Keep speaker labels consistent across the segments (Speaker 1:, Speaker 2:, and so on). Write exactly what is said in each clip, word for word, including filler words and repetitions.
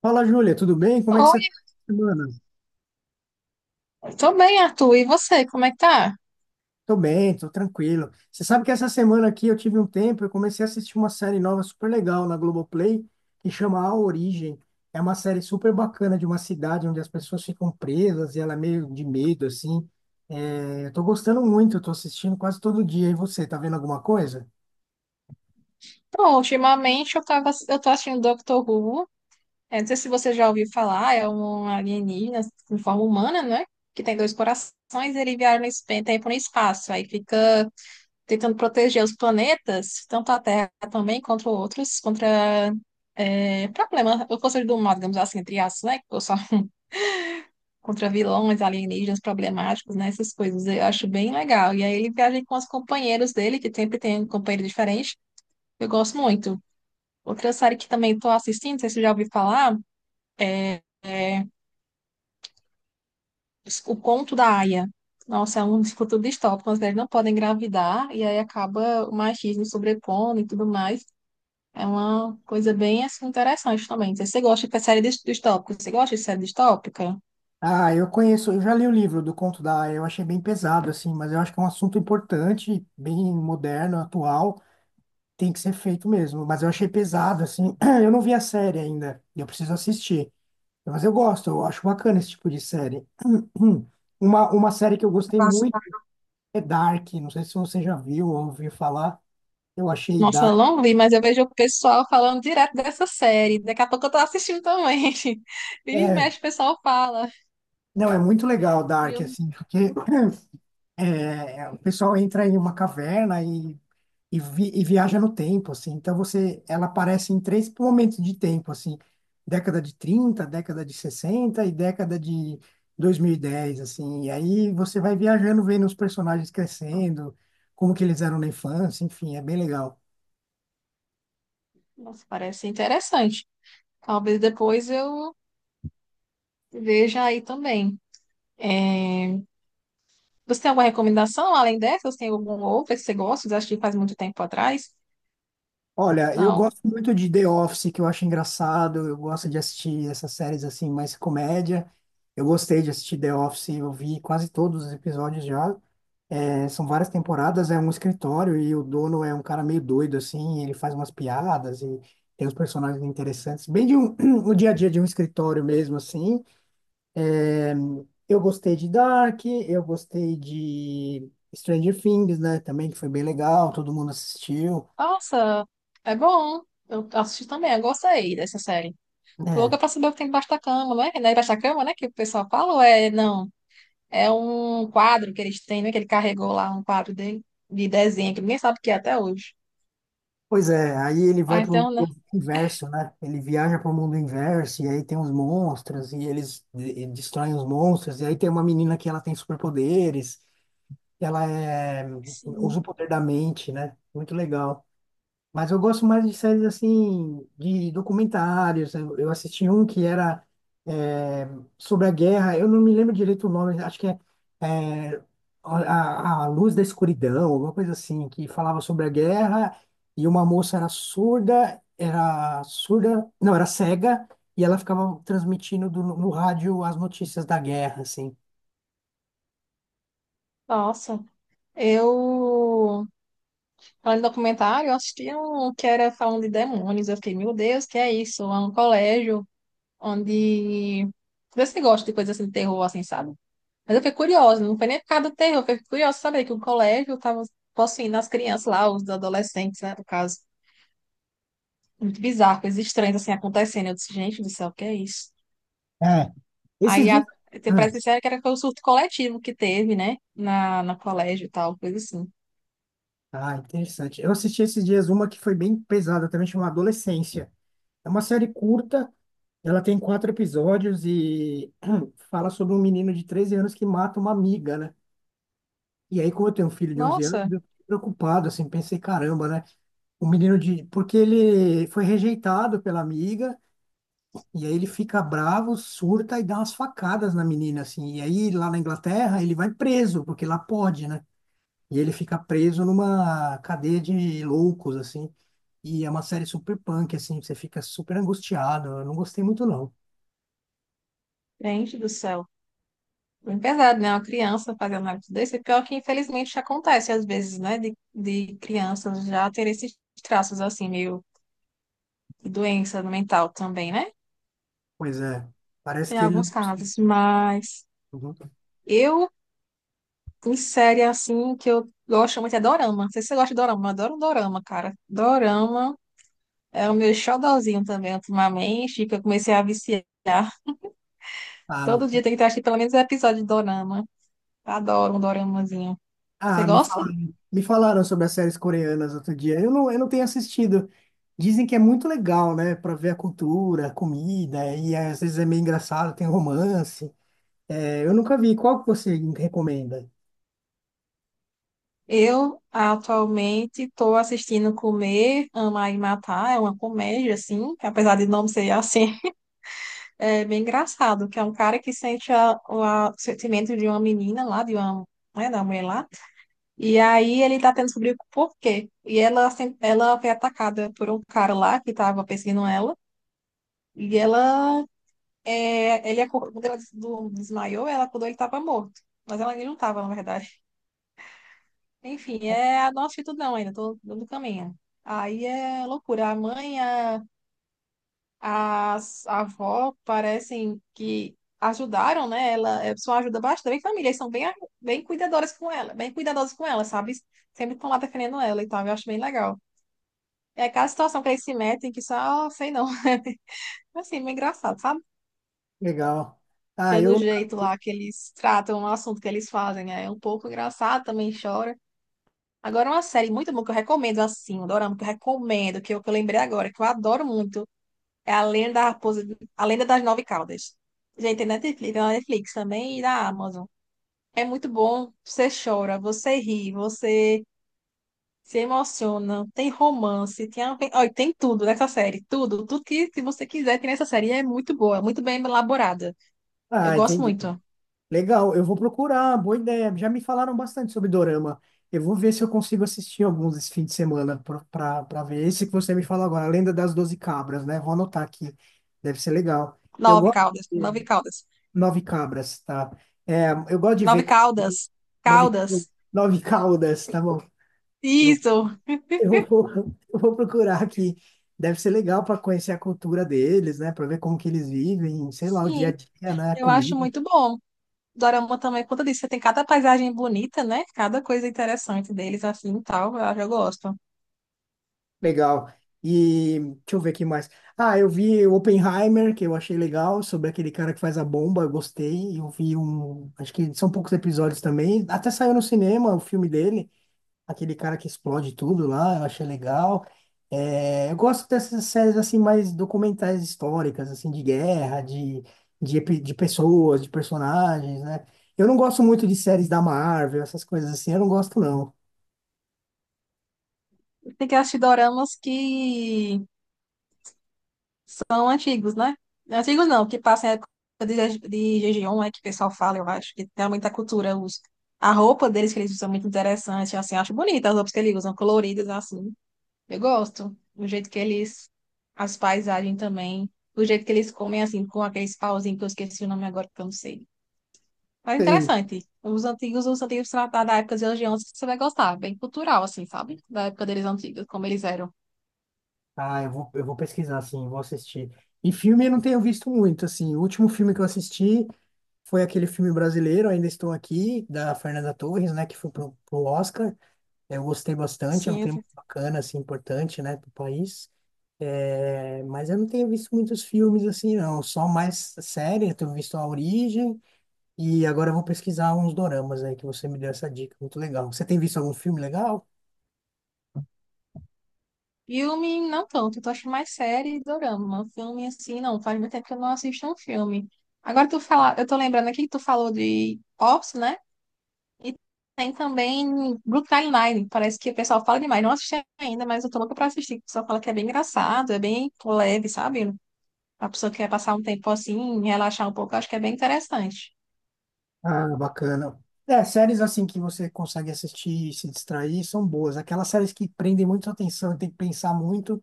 Speaker 1: Fala, Júlia, tudo bem? Como é que você
Speaker 2: Oi,
Speaker 1: tá essa semana?
Speaker 2: tô bem, Arthur. E você, como é que tá?
Speaker 1: Tô bem, tô tranquilo. Você sabe que essa semana aqui eu tive um tempo, eu comecei a assistir uma série nova super legal na Globoplay, que chama A Origem. É uma série super bacana de uma cidade onde as pessoas ficam presas e ela é meio de medo, assim. É, eu tô gostando muito, eu tô assistindo quase todo dia. E você, tá vendo alguma coisa?
Speaker 2: Bom, ultimamente eu tava, eu tô assistindo Doctor Who. É, não sei se você já ouviu falar, é um alienígena em forma humana, né? Que tem dois corações, e ele viaja no esp- tempo e no espaço. Aí fica tentando proteger os planetas, tanto a Terra também, contra outros, contra é, problemas, ou forças do mal, digamos assim, entre aspas, né? Contra vilões, alienígenas problemáticos, né? Essas coisas. Eu acho bem legal. E aí ele viaja com os companheiros dele, que sempre tem um companheiro diferente. Eu gosto muito. Outra série que também estou assistindo, não sei se você já ouviu falar, é, é O Conto da Aia. Nossa, é um futuro distópico. As mulheres não podem engravidar e aí acaba o machismo sobrepondo e tudo mais. É uma coisa bem assim, interessante também. Não sei se você gosta de série dis- distópica? Você gosta de série distópica?
Speaker 1: Ah, eu conheço, eu já li o livro do Conto da Aia, eu achei bem pesado, assim, mas eu acho que é um assunto importante, bem moderno, atual. Tem que ser feito mesmo, mas eu achei pesado, assim. Eu não vi a série ainda, e eu preciso assistir. Mas eu gosto, eu acho bacana esse tipo de série. Uma, uma série que eu gostei muito é Dark, não sei se você já viu ou ouviu falar. Eu achei
Speaker 2: Nossa, eu
Speaker 1: Dark.
Speaker 2: não vi, mas eu vejo o pessoal falando direto dessa série. Daqui a pouco eu tô assistindo também. Vira e
Speaker 1: É,
Speaker 2: mexe, o pessoal fala.
Speaker 1: não, é muito legal
Speaker 2: E
Speaker 1: Dark,
Speaker 2: eu,
Speaker 1: assim, porque é, o pessoal entra em uma caverna e e, vi- e viaja no tempo, assim. Então você, ela aparece em três momentos de tempo, assim, década de trinta, década de sessenta e década de dois mil e dez, assim. E aí você vai viajando, vendo os personagens crescendo, como que eles eram na infância, enfim, é bem legal.
Speaker 2: nossa, parece interessante. Talvez depois eu veja aí também. É, você tem alguma recomendação além dessa? Você tem algum outro que você gosta? Você assistiu faz muito tempo atrás?
Speaker 1: Olha, eu
Speaker 2: Não.
Speaker 1: gosto muito de The Office, que eu acho engraçado, eu gosto de assistir essas séries assim, mais comédia. Eu gostei de assistir The Office, eu vi quase todos os episódios já. É, são várias temporadas, é um escritório e o dono é um cara meio doido, assim, ele faz umas piadas e tem uns personagens interessantes, bem de um, o dia a dia de um escritório mesmo, assim. Eu gostei de Dark, eu gostei de Stranger Things, né, também, que foi bem legal, todo mundo assistiu,
Speaker 2: Nossa, é bom. Eu assisti também, eu gostei dessa série. Tô
Speaker 1: né.
Speaker 2: louca pra saber o que tem debaixo da cama, não é? Não é debaixo da cama, né? Que o pessoal fala ou é não? É um quadro que eles têm, né? Que ele carregou lá, um quadro dele, de desenho, que ninguém sabe o que é até hoje.
Speaker 1: Pois é, aí ele vai
Speaker 2: Ah,
Speaker 1: para o
Speaker 2: então, né?
Speaker 1: mundo inverso, né? Ele viaja para o mundo inverso, e aí tem os monstros, e eles de- e destroem os monstros, e aí tem uma menina que ela tem superpoderes. Ela é, usa
Speaker 2: Sim.
Speaker 1: o poder da mente, né? Muito legal. Mas eu gosto mais de séries assim, de documentários. Eu eu assisti um que era é, sobre a guerra. Eu não me lembro direito o nome. Acho que é é, a, a a Luz da Escuridão, alguma coisa assim, que falava sobre a guerra. E uma moça era surda, era surda, não, era cega. E ela ficava transmitindo do- no rádio as notícias da guerra, assim.
Speaker 2: Nossa, eu. Falando em documentário, eu assisti um que era falando de demônios. Eu fiquei, meu Deus, que é isso? É um colégio onde. Vê se gosta de coisa assim de terror, assim, sabe? Mas eu fiquei curiosa, não foi nem por causa do terror, eu fiquei curiosa de saber que o colégio tava possuindo as crianças lá, os adolescentes, né? No caso. Muito bizarro, coisas estranhas assim acontecendo. Eu disse, gente do céu, o que é isso?
Speaker 1: É. Esses
Speaker 2: Aí a,
Speaker 1: dias.
Speaker 2: te- parece que disseram que era o surto coletivo que teve, né? Na, na colégio e tal, coisa assim.
Speaker 1: Ah, interessante. Eu assisti esses dias uma que foi bem pesada também, chama Adolescência. É uma série curta, ela tem quatro episódios e fala sobre um menino de treze anos que mata uma amiga, né? E aí, como eu tenho um filho de onze anos,
Speaker 2: Nossa,
Speaker 1: eu fiquei preocupado, assim, pensei, caramba, né? O menino de... Porque ele foi rejeitado pela amiga e aí ele fica bravo, surta e dá umas facadas na menina, assim. E aí, lá na Inglaterra, ele vai preso, porque lá pode, né? E ele fica preso numa cadeia de loucos, assim. E é uma série super punk, assim, você fica super angustiado. Eu não gostei muito, não.
Speaker 2: gente do céu. Bem pesado, né? Uma criança fazendo algo desse. E pior que, infelizmente, acontece às vezes, né? De, de crianças já ter esses traços, assim, meio de doença mental também, né?
Speaker 1: Pois é, parece
Speaker 2: Tem
Speaker 1: que ele
Speaker 2: alguns
Speaker 1: não conseguiu.
Speaker 2: casos, mas
Speaker 1: Uhum.
Speaker 2: eu, em série, assim, que eu gosto muito é dorama. Não sei se você gosta de dorama, mas eu adoro um dorama, cara. Dorama é o meu xodozinho também, ultimamente, que eu comecei a viciar.
Speaker 1: Ah,
Speaker 2: Todo dia tem que ter, acho que pelo menos um episódio de dorama. Adoro um doramazinho. Você
Speaker 1: ah, me
Speaker 2: gosta?
Speaker 1: falaram, me falaram sobre as séries coreanas outro dia. Eu não, eu não tenho assistido. Dizem que é muito legal, né? Pra ver a cultura, a comida, e às vezes é meio engraçado, tem romance. É, eu nunca vi. Qual que você recomenda?
Speaker 2: Eu atualmente estou assistindo Comer, Amar e Matar. É uma comédia, assim, que apesar de não ser assim, é bem engraçado, que é um cara que sente a- o a- o sentimento de uma menina lá, de uma, né, da mulher lá. E aí ele tá tentando descobrir o porquê. E ela, sem- ela foi atacada por um cara lá que estava perseguindo ela. E ela É, ele acordou, quando ela des- do- desmaiou, ela acordou, ele estava morto. Mas ela, ele não estava, na verdade. Enfim, é a nossa atitude ainda, tô, tô no caminho. Aí é loucura. A mãe, a, a, a avó parecem que ajudaram, né? Ela é, só ajuda bastante. A família, eles são bem, bem cuidadoras com ela, bem cuidadosas com ela, sabe? Sempre estão lá defendendo ela e tal. Eu acho bem legal. É aquela situação que eles se metem que só, sei não. Assim, meio engraçado, sabe?
Speaker 1: Legal. Ah,
Speaker 2: Pelo
Speaker 1: eu.
Speaker 2: jeito lá que eles tratam o assunto que eles fazem, né? É um pouco engraçado, também chora. Agora, uma série muito boa que eu recomendo, assim, um dorama que eu recomendo, que eu, que eu lembrei agora, que eu adoro muito, é A Lenda da Raposa, A Lenda das Nove Caudas. Gente, tem Netflix, tem na Netflix também e na Amazon. É muito bom, você chora, você ri, você se emociona, tem romance, tem, a- olha, tem tudo nessa série, tudo, tudo que, que você quiser tem nessa série. E é muito boa, muito bem elaborada. Eu
Speaker 1: Ah,
Speaker 2: gosto
Speaker 1: entendi.
Speaker 2: muito.
Speaker 1: Legal, eu vou procurar, boa ideia. Já me falaram bastante sobre Dorama. Eu vou ver se eu consigo assistir alguns esse fim de semana para ver esse que você me falou agora, A Lenda das Doze Cabras, né? Vou anotar aqui, deve ser legal. Eu
Speaker 2: Nove
Speaker 1: gosto
Speaker 2: caudas,
Speaker 1: de
Speaker 2: nove caudas.
Speaker 1: Nove Cabras, tá? É, eu gosto de ver
Speaker 2: Nove
Speaker 1: co-
Speaker 2: Caldas.
Speaker 1: Nove,
Speaker 2: Caldas.
Speaker 1: nove Caudas, tá bom? Eu,
Speaker 2: Isso.
Speaker 1: eu vou, eu vou procurar aqui. Deve ser legal para conhecer a cultura deles, né? Para ver como que eles vivem, sei lá, o dia a
Speaker 2: Sim.
Speaker 1: dia, né? A
Speaker 2: Eu acho
Speaker 1: comida.
Speaker 2: muito bom. Dorama também, por conta disso, você tem cada paisagem bonita, né? Cada coisa interessante deles, assim, e tal, eu já gosto.
Speaker 1: Legal. E deixa eu ver aqui mais. Ah, eu vi o Oppenheimer, que eu achei legal, sobre aquele cara que faz a bomba, eu gostei. Eu vi um. Acho que são poucos episódios também. Até saiu no cinema o filme dele, aquele cara que explode tudo lá, eu achei legal. É, eu gosto dessas séries assim, mais documentais históricas, assim, de guerra, de, de, epi- de pessoas, de personagens, né? Eu não gosto muito de séries da Marvel, essas coisas assim, eu não gosto, não.
Speaker 2: Tem que assistir doramas que são antigos, né? Antigos não, que passam a época de, Je- de Jejeon, é que o pessoal fala, eu acho, que tem muita cultura, os, a roupa deles que eles usam é muito interessante, assim, eu acho bonita as roupas que eles usam, coloridas, assim. Eu gosto do jeito que eles, as paisagens também, do jeito que eles comem assim, com aqueles pauzinhos que eu esqueci o nome agora que eu não sei. Mas é interessante. Os antigos, os antigos da da época dos hoje, em você vai gostar, bem cultural, assim, sabe? Da época deles antigos, como eles eram.
Speaker 1: Ah, eu vou, eu vou pesquisar, assim, vou assistir. E filme eu não tenho visto muito, assim. O último filme que eu assisti foi aquele filme brasileiro, Ainda Estou Aqui, da Fernanda Torres, né, que foi pro, pro Oscar. Eu gostei bastante, é um
Speaker 2: Sim, eu-
Speaker 1: tema bacana, assim, importante, né, pro país. É, mas eu não tenho visto muitos filmes, assim, não. Só mais série, eu tenho visto A Origem. E agora eu vou pesquisar uns doramas aí, que você me deu essa dica. Muito legal. Você tem visto algum filme legal?
Speaker 2: filme não tanto, eu tô achando mais série e dorama. Filme assim, não, faz muito tempo que eu não assisto um filme. Agora tu fala, eu tô lembrando aqui que tu falou de Ops, né? E tem também Brooklyn Nine-Nine. Parece que o pessoal fala demais. Não assisti ainda, mas eu tô louca pra assistir. O pessoal fala que é bem engraçado, é bem leve, sabe? A pessoa que quer passar um tempo assim, relaxar um pouco, eu acho que é bem interessante.
Speaker 1: Ah, bacana. É, séries assim que você consegue assistir e se distrair são boas. Aquelas séries que prendem muito a atenção e tem que pensar muito,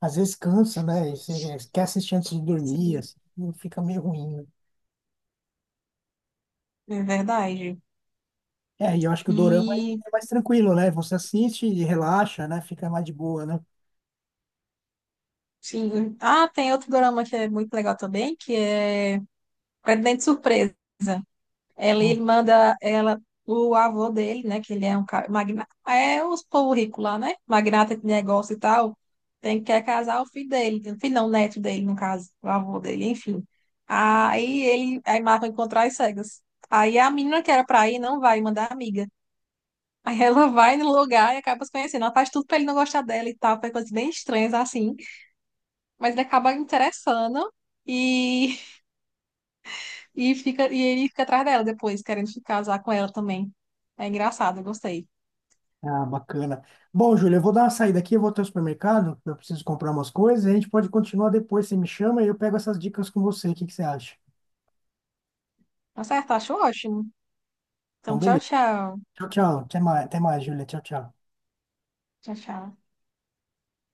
Speaker 1: às vezes cansa, né? E você, né, quer assistir antes de dormir,
Speaker 2: Sim,
Speaker 1: assim, e fica meio ruim, né?
Speaker 2: é verdade.
Speaker 1: É, e eu acho que o dorama ele
Speaker 2: E,
Speaker 1: é mais tranquilo, né? Você assiste e relaxa, né? Fica mais de boa, né?
Speaker 2: sim. Ah, tem outro drama que é muito legal também, que é Presidente Surpresa. Ela
Speaker 1: Hum.
Speaker 2: irmã da, ela, o avô dele, né? Que ele é um cara, magnata, é os povo rico lá, né? Magnata de negócio e tal. Tem que quer casar o filho dele, o filho não, o neto dele, no caso, o avô dele, enfim. Aí ele, aí marca encontrar as cegas. Aí a menina que era pra ir não vai, mandar amiga. Aí ela vai no lugar e acaba se conhecendo. Ela faz tudo pra ele não gostar dela e tal, faz coisas bem estranhas assim. Mas ele acaba interessando e E, fica, e ele fica atrás dela depois, querendo se casar com ela também. É engraçado, eu gostei.
Speaker 1: Ah, bacana. Bom, Júlio, eu vou dar uma saída aqui, eu vou até o supermercado, eu preciso comprar umas coisas, e a gente pode continuar depois, você me chama e eu pego essas dicas com você, o que que você acha?
Speaker 2: Tá certo, acho ótimo.
Speaker 1: Então,
Speaker 2: Então, tchau,
Speaker 1: beleza.
Speaker 2: tchau.
Speaker 1: Tchau, tchau. Até mais, até mais, Júlia. Tchau, tchau.
Speaker 2: Tchau, tchau.